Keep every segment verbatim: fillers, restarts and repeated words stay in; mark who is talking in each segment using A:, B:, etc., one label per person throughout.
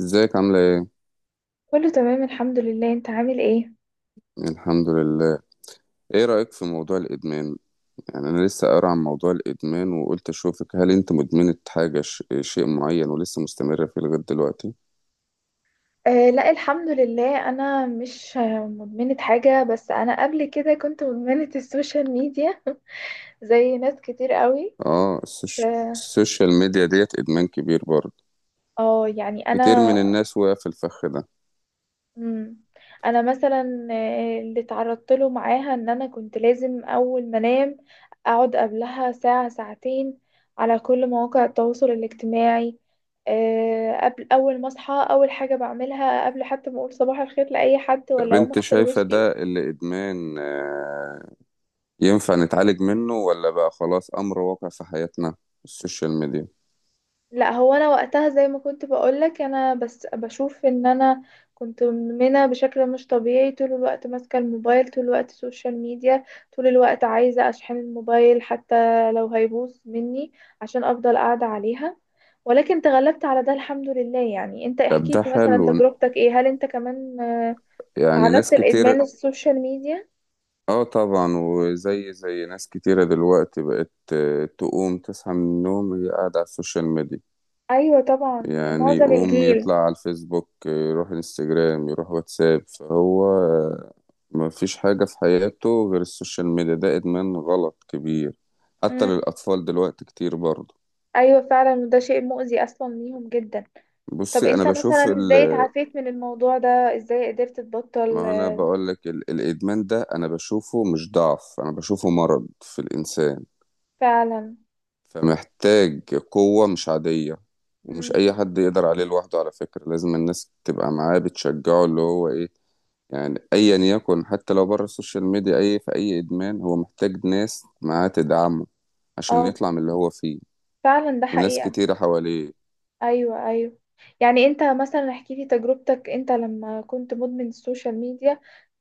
A: ازيك عاملة ايه؟
B: كله تمام الحمد لله، انت عامل ايه؟
A: الحمد لله. ايه رأيك في موضوع الإدمان؟ يعني أنا لسه قارئ عن موضوع الإدمان وقلت أشوفك، هل أنت مدمنة حاجة ش... شيء معين ولسه مستمرة فيه لغاية دلوقتي؟
B: آه لا، الحمد لله انا مش آه، مدمنة حاجة، بس انا قبل كده كنت مدمنة السوشيال ميديا زي ناس كتير قوي.
A: اه السوش...
B: اه،
A: السوشيال ميديا ديت إدمان كبير برضه،
B: آه، يعني
A: كتير
B: انا.
A: من الناس وقع في الفخ ده.
B: مم. انا مثلا آه، اللي تعرضت له معاها ان انا كنت لازم اول ما انام اقعد قبلها ساعة ساعتين على كل مواقع التواصل الاجتماعي. آه، قبل اول ما اصحى اول حاجه بعملها قبل حتى ما اقول صباح الخير لاي حد،
A: طب
B: ولا اقوم
A: أنت
B: اغسل
A: شايفة
B: وشي.
A: ده اللي إدمان، آه، ينفع نتعالج منه ولا بقى خلاص أمر واقع في حياتنا السوشيال ميديا؟
B: لا هو انا وقتها زي ما كنت بقولك، انا بس بشوف ان انا كنت مدمنه بشكل مش طبيعي. طول الوقت ماسكه الموبايل، طول الوقت سوشيال ميديا، طول الوقت عايزه اشحن الموبايل حتى لو هيبوظ مني عشان افضل قاعده عليها. ولكن تغلبت على ده الحمد لله. يعني انت
A: طب
B: احكي
A: ده
B: لي مثلا
A: حلو،
B: تجربتك ايه، هل انت كمان آه،
A: يعني ناس
B: تعرضت
A: كتير.
B: لادمان السوشيال ميديا؟
A: اه طبعا، وزي زي ناس كتيرة دلوقتي بقت آه، تقوم تصحى من النوم هي قاعدة على السوشيال ميديا.
B: ايوه طبعا،
A: يعني
B: معظم
A: يقوم
B: الجيل.
A: يطلع على الفيسبوك، آه، يروح انستجرام، يروح واتساب، فهو آه، مفيش حاجة في حياته غير السوشيال ميديا. ده إدمان غلط كبير، حتى
B: مم.
A: للأطفال دلوقتي كتير برضه.
B: ايوه فعلا، وده شيء مؤذي اصلا ليهم جدا. طب
A: بصي أنا
B: انت
A: بشوف
B: مثلا
A: ال...
B: ازاي اتعافيت من الموضوع ده؟ ازاي قدرت تبطل؟
A: ما أنا بقولك، ال... الإدمان ده أنا بشوفه مش ضعف، أنا بشوفه مرض في الإنسان،
B: فعلا.
A: فمحتاج قوة مش عادية. ومش
B: مم.
A: أي حد يقدر عليه لوحده، على فكرة لازم الناس تبقى معاه بتشجعه، اللي هو إيه يعني، أيا يكن. حتى لو بره السوشيال ميديا، أي في أي إدمان هو محتاج ناس معاه تدعمه عشان
B: اه
A: يطلع من اللي هو فيه،
B: فعلا، ده
A: وناس
B: حقيقة.
A: كتيرة حواليه.
B: ايوه ايوه، يعني انت مثلا احكي لي تجربتك، انت لما كنت مدمن السوشيال ميديا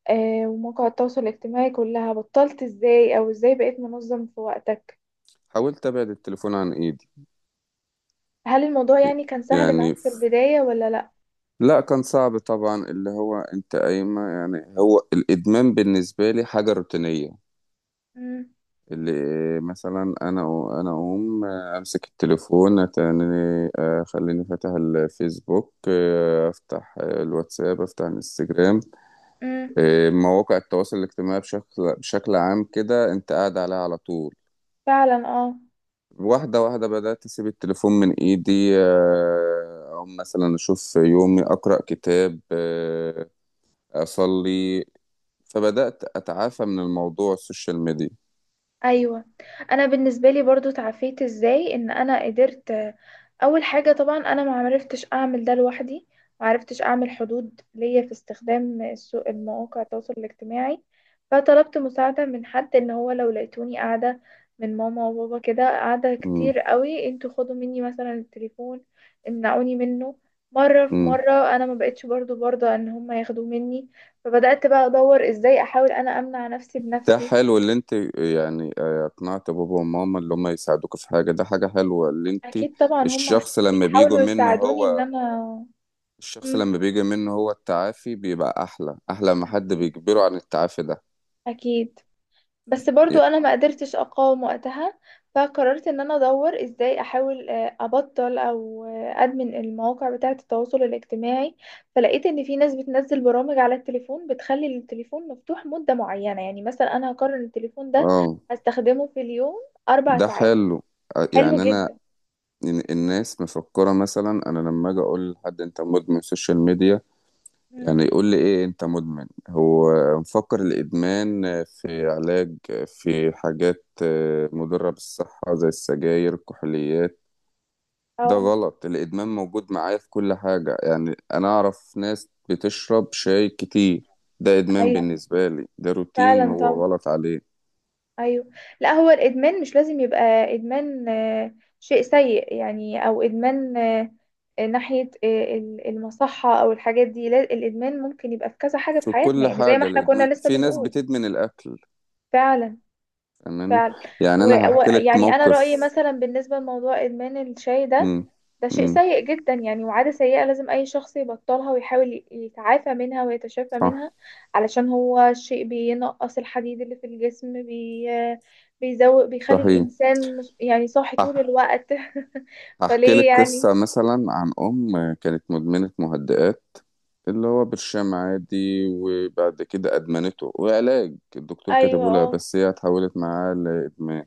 B: آه ومواقع التواصل الاجتماعي كلها، بطلت ازاي، او ازاي بقيت منظم في وقتك؟
A: حاولت أبعد التليفون عن إيدي،
B: هل الموضوع يعني كان سهل معاك
A: يعني
B: في
A: ف-
B: البداية ولا لا؟
A: لا كان صعب طبعا. اللي هو أنت قايمة، يعني هو الإدمان بالنسبة لي حاجة روتينية،
B: مم.
A: اللي مثلا انا انا اقوم امسك التليفون تاني، آه، خليني فاتح الفيسبوك، آه، افتح الواتساب، افتح الانستجرام،
B: مم.
A: آه، مواقع التواصل الاجتماعي بشكل بشكل عام كده انت قاعد عليها على طول.
B: فعلا اه.
A: واحدة واحدة بدأت أسيب التليفون من إيدي، آه، أو مثلا أشوف يومي، أقرأ كتاب، آه، أصلي، فبدأت أتعافى من الموضوع السوشيال ميديا.
B: ايوه، انا بالنسبه لي برضو تعافيت ازاي ان انا قدرت آه، اول حاجه طبعا، انا ما عرفتش اعمل ده لوحدي. ما عرفتش اعمل حدود ليا في استخدام السوق المواقع التواصل الاجتماعي. فطلبت مساعده من حد ان هو لو لقيتوني قاعده، من ماما وبابا، كده قاعده كتير قوي، انتوا خدوا مني مثلا التليفون، امنعوني منه. مره في
A: مم.
B: مره انا ما بقتش برضو برضه ان هم ياخدوه مني. فبدات بقى ادور ازاي احاول انا امنع نفسي
A: ده
B: بنفسي.
A: حلو اللي انت يعني آه، اقنعت بابا وماما اللي هم يساعدوك في حاجة، ده حاجة حلوة. اللي انت
B: اكيد طبعا هم
A: الشخص لما بيجوا
B: بيحاولوا
A: منه
B: يساعدوني ان
A: هو
B: انا.
A: الشخص
B: مم.
A: لما بيجي منه هو، التعافي بيبقى احلى، احلى ما حد بيجبره عن التعافي ده.
B: اكيد. بس برضو
A: ي-
B: انا ما قدرتش اقاوم وقتها. فقررت ان انا ادور ازاي احاول آه، ابطل او آه، ادمن المواقع بتاعة التواصل الاجتماعي. فلقيت ان في ناس بتنزل برامج على التليفون بتخلي التليفون مفتوح مدة معينة. يعني مثلا انا هقرر إن التليفون ده
A: اه،
B: هستخدمه في اليوم اربع
A: ده
B: ساعات
A: حلو. آه،
B: حلو
A: يعني انا
B: جدا.
A: ال- الناس مفكرة، مثلا انا لما اجي اقول لحد انت مدمن سوشيال ميديا،
B: مم.
A: يعني يقول لي ايه انت مدمن؟ هو مفكر الادمان في علاج، في حاجات مضرة بالصحة زي السجاير، الكحوليات. ده
B: اه.
A: غلط، الادمان موجود معايا في كل حاجة. يعني انا اعرف ناس بتشرب شاي كتير، ده ادمان
B: ايوه
A: بالنسبة لي، ده روتين
B: فعلا طبعا.
A: هو غلط عليه.
B: ايوه، لا هو الادمان مش لازم يبقى ادمان آه، شيء سيء يعني، او ادمان آه، آه، ناحيه آه، ال- المصحه او الحاجات دي. لا الادمان ممكن يبقى في كذا حاجه في
A: في
B: حياتنا
A: كل
B: يعني زي ما
A: حاجة
B: احنا
A: الادمان،
B: كنا لسه
A: في ناس
B: بنقول.
A: بتدمن الاكل.
B: فعلا.
A: فاهماني؟
B: فعلا.
A: يعني انا هحكي لك
B: ويعني انا رايي
A: موقف.
B: مثلا بالنسبه لموضوع ادمان الشاي ده،
A: امم.
B: ده شيء
A: امم.
B: سيء جدا يعني، وعادة سيئة لازم أي شخص يبطلها ويحاول ي- يتعافى منها ويتشافى
A: صح.
B: منها. علشان هو شيء بينقص الحديد اللي في الجسم، بي بيزوق، بيخلي
A: صحيح.
B: الإنسان مش- يعني صاحي طول الوقت
A: هحكي
B: فليه
A: لك
B: يعني؟
A: قصة مثلا عن أم كانت مدمنة مهدئات، اللي هو برشام عادي، وبعد كده أدمنته. وعلاج الدكتور
B: أيوة
A: كاتبه لها،
B: اه.
A: بس هي اتحولت معاه لإدمان.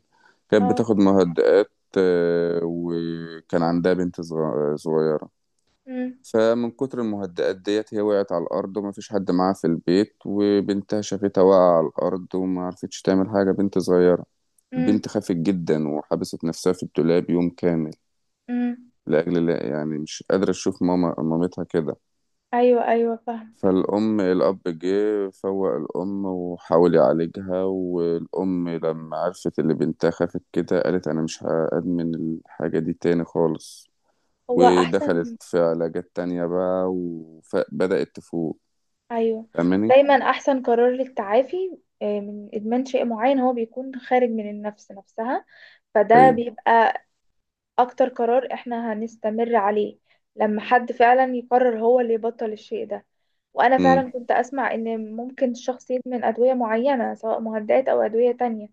A: كانت
B: اه.
A: بتاخد مهدئات، آه، وكان عندها بنت صغ- صغيرة.
B: أمم،
A: فمن كتر المهدئات ديت هي وقعت على الأرض، ومفيش حد معاها في البيت، وبنتها شافتها واقعة على الأرض وما عرفتش تعمل حاجة، بنت صغيرة.
B: أمم،
A: البنت خافت جدا وحبست نفسها في الدولاب يوم كامل.
B: أمم.
A: لأجل الله، يعني مش قادرة أشوف ماما مامتها كده.
B: أيوة أيوة فاهمة.
A: فالأم، الأب جه فوق الأم وحاول يعالجها، والأم لما عرفت اللي بنتها خافت كده قالت أنا مش هأدمن الحاجة دي تاني خالص.
B: هو
A: ودخلت
B: أحسن.
A: في علاجات تانية بقى وبدأت تفوق.
B: أيوة.
A: فاهماني؟
B: دايما أحسن قرار للتعافي آه، من إدمان شيء معين هو بيكون خارج من النفس نفسها. فده
A: أيوه.
B: بيبقى اكتر قرار احنا هنستمر عليه، لما حد فعلا يقرر هو اللي يبطل الشيء ده. وانا
A: أمم.
B: فعلا كنت اسمع ان ممكن الشخص يدمن ادوية معينة، سواء مهدئات او ادوية تانية.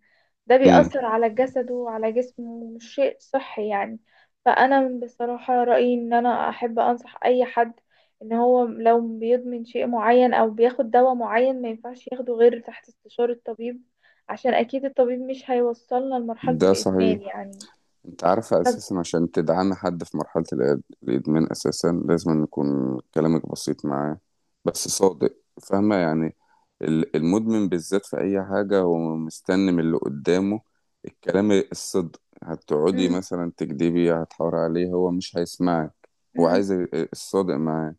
B: ده
A: أمم.
B: بيأثر على جسده وعلى جسمه، ومش شيء صحي يعني. فانا بصراحة رأيي ان انا احب انصح اي حد ان هو لو بيدمن شيء معين او بياخد دواء معين، ما ينفعش ياخده غير تحت استشارة الطبيب، عشان اكيد الطبيب مش هيوصلنا لمرحلة
A: ده صحيح.
B: الادمان يعني.
A: انت عارفة
B: طب.
A: اساسا عشان تدعم حد في مرحلة الإد- الادمان، اساسا لازم أن يكون كلامك بسيط معاه بس صادق. فاهمة يعني، ال- المدمن بالذات في اي حاجة هو مستني من اللي قدامه الكلام الصدق. هتقعدي
B: مم.
A: مثلا تكدبي، هتحاور عليه، هو مش هيسمعك. هو
B: امم.
A: عايز ال- الصادق معاه.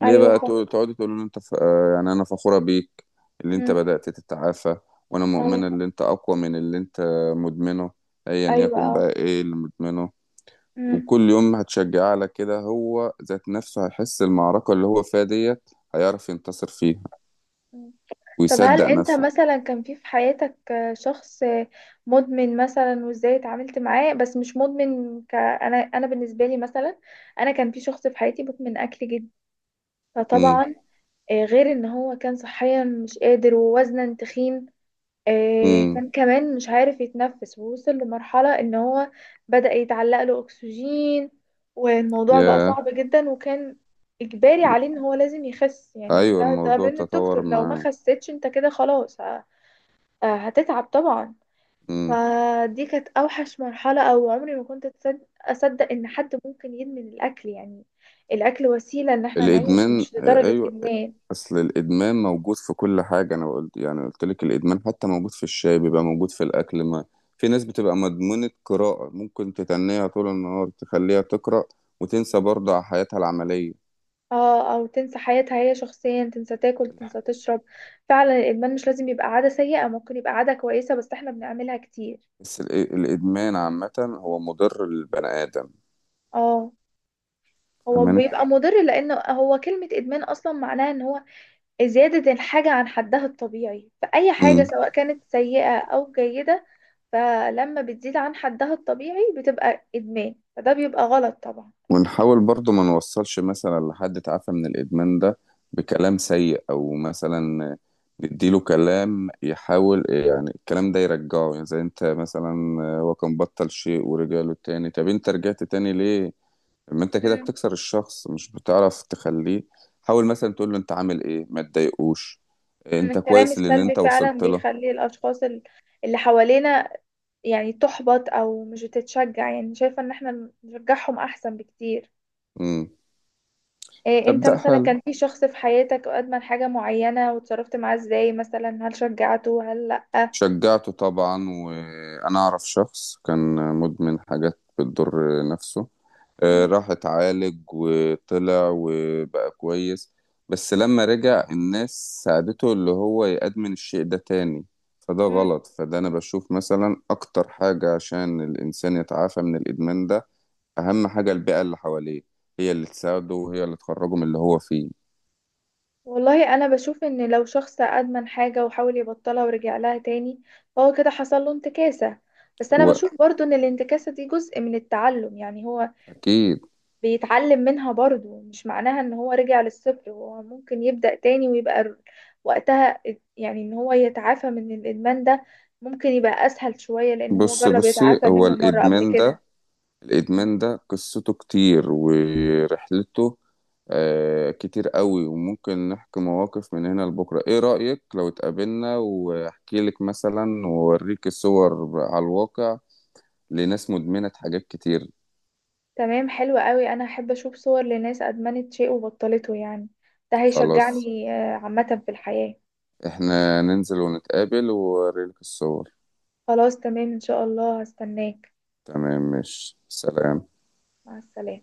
A: ليه
B: ايوه
A: بقى
B: فا
A: تقول- تقعدي تقولوا ان انت ف... آه، يعني انا فخورة بيك اللي انت
B: امم.
A: بدأت تتعافى، وانا مؤمنة
B: اه.
A: اللي انت اقوى من اللي انت مدمنه، ايا
B: ايوه.
A: يكن
B: اه.
A: بقى ايه اللي مدمنه.
B: امم.
A: وكل يوم هتشجعيه على كده، هو ذات نفسه هيحس المعركة اللي هو فيها ديت هيعرف ينتصر فيها
B: أمم. طب هل
A: ويصدق
B: انت
A: نفسه.
B: مثلا كان في في حياتك آه، شخص آه، مدمن مثلا، وازاي اتعاملت معاه؟ بس مش مدمن ك... انا انا بالنسبه لي مثلا، انا كان في شخص في حياتي مدمن اكل جدا.
A: امم.
B: فطبعا آه، غير ان هو كان صحيا مش قادر، ووزنا تخين، آه،
A: امم.
B: كان كمان مش عارف يتنفس، ووصل لمرحلة ان هو بدأ يتعلق له اكسجين. والموضوع بقى
A: يا
B: صعب جدا، وكان اجباري عليه ان هو لازم يخس يعني.
A: ايوه،
B: ده ده
A: الموضوع
B: من
A: تطور
B: الدكتور، لو ما
A: معاه.
B: خسيتش انت كده خلاص ه- آه، هتتعب طبعا.
A: امم.
B: فدي كانت اوحش مرحلة، او عمري ما كنت أتصد- اصدق ان حد ممكن يدمن الاكل يعني. الاكل وسيلة ان احنا نعيش،
A: الادمان،
B: مش لدرجة
A: ايوه.
B: ادمان.
A: اصل الادمان موجود في كل حاجه، انا قلت يعني قلت لك الادمان حتى موجود في الشاي، بيبقى موجود في الاكل. ما في ناس بتبقى مدمنه قراءه، ممكن تتنيها طول النهار تخليها تقرا وتنسى برضه على حياتها العمليه.
B: اه، او تنسى حياتها هي شخصيا، تنسى تاكل تنسى تشرب. فعلا الادمان مش لازم يبقى عاده سيئه، ممكن يبقى عاده كويسه بس احنا بنعملها كتير.
A: بس الإ- الادمان عامه هو مضر للبني ادم.
B: اه، هو بيبقى مضر لان هو كلمه ادمان اصلا معناها ان هو زياده الحاجه عن حدها الطبيعي، فاي حاجه
A: فاهماني؟
B: سواء كانت سيئه او جيده، فلما بتزيد عن حدها الطبيعي بتبقى ادمان، فده بيبقى غلط طبعا.
A: ونحاول برضو ما نوصلش مثلا لحد تعافى من الإدمان ده بكلام سيء، أو مثلا نديله كلام يحاول يعني الكلام ده يرجعه. يعني زي انت مثلا، هو كان بطل شيء ورجع له تاني، طب انت رجعت تاني ليه؟ ما انت كده
B: مم.
A: بتكسر الشخص، مش بتعرف تخليه. حاول مثلا تقول له انت عامل ايه، ما تضايقوش،
B: مم.
A: انت
B: الكلام
A: كويس للي
B: السلبي
A: انت
B: فعلا
A: وصلت له.
B: بيخلي الاشخاص ال- اللي حوالينا يعني تحبط او مش بتتشجع. يعني شايفة ان احنا نشجعهم احسن بكتير.
A: امم.
B: إيه، انت
A: تبدأ
B: مثلا
A: حل.
B: كان في شخص في حياتك ادمن حاجة معينة وتصرفت معاه ازاي مثلا؟ هل شجعته هل لأ؟
A: شجعته طبعا، وانا اعرف شخص كان مدمن حاجات بتضر نفسه، آه،
B: مم.
A: راح اتعالج وطلع وبقى كويس. بس لما رجع الناس ساعدته اللي هو يأدمن الشيء ده تاني، فده
B: مم.
A: غلط. فده أنا بشوف مثلا أكتر حاجة عشان الإنسان يتعافى من الإدمان ده، أهم حاجة البيئة اللي حواليه، هي اللي تساعده وهي اللي تخرجه من اللي هو فيه.
B: والله انا بشوف ان لو شخص ادمن حاجة وحاول يبطلها ورجع لها تاني، فهو كده حصل له انتكاسة. بس انا بشوف برضو ان الانتكاسة دي جزء من التعلم، يعني هو
A: وأكيد.
B: بيتعلم منها برضو. مش معناها ان هو رجع للصفر، هو ممكن يبدأ تاني ويبقى ر- وقتها، يعني ان هو يتعافى من الادمان ده ممكن يبقى اسهل شوية، لان هو
A: بص
B: جرب
A: بصي
B: يتعافى
A: هو
B: منه مرة قبل
A: الإدمان
B: كده.
A: ده،
B: م.
A: الإدمان ده قصته كتير ورحلته، آه، كتير قوي، وممكن نحكي مواقف من هنا لبكرة. ايه رأيك لو اتقابلنا واحكي لك مثلا واوريك الصور على الواقع لناس مدمنة حاجات كتير.
B: تمام، حلو قوي. انا احب اشوف صور لناس ادمنت شيء وبطلته يعني، ده
A: خلاص،
B: هيشجعني آه، عامة في الحياة.
A: احنا ننزل ونتقابل واوريلك الصور.
B: خلاص تمام ان شاء الله هستناك.
A: تمام، مش سلام.
B: مع السلامة.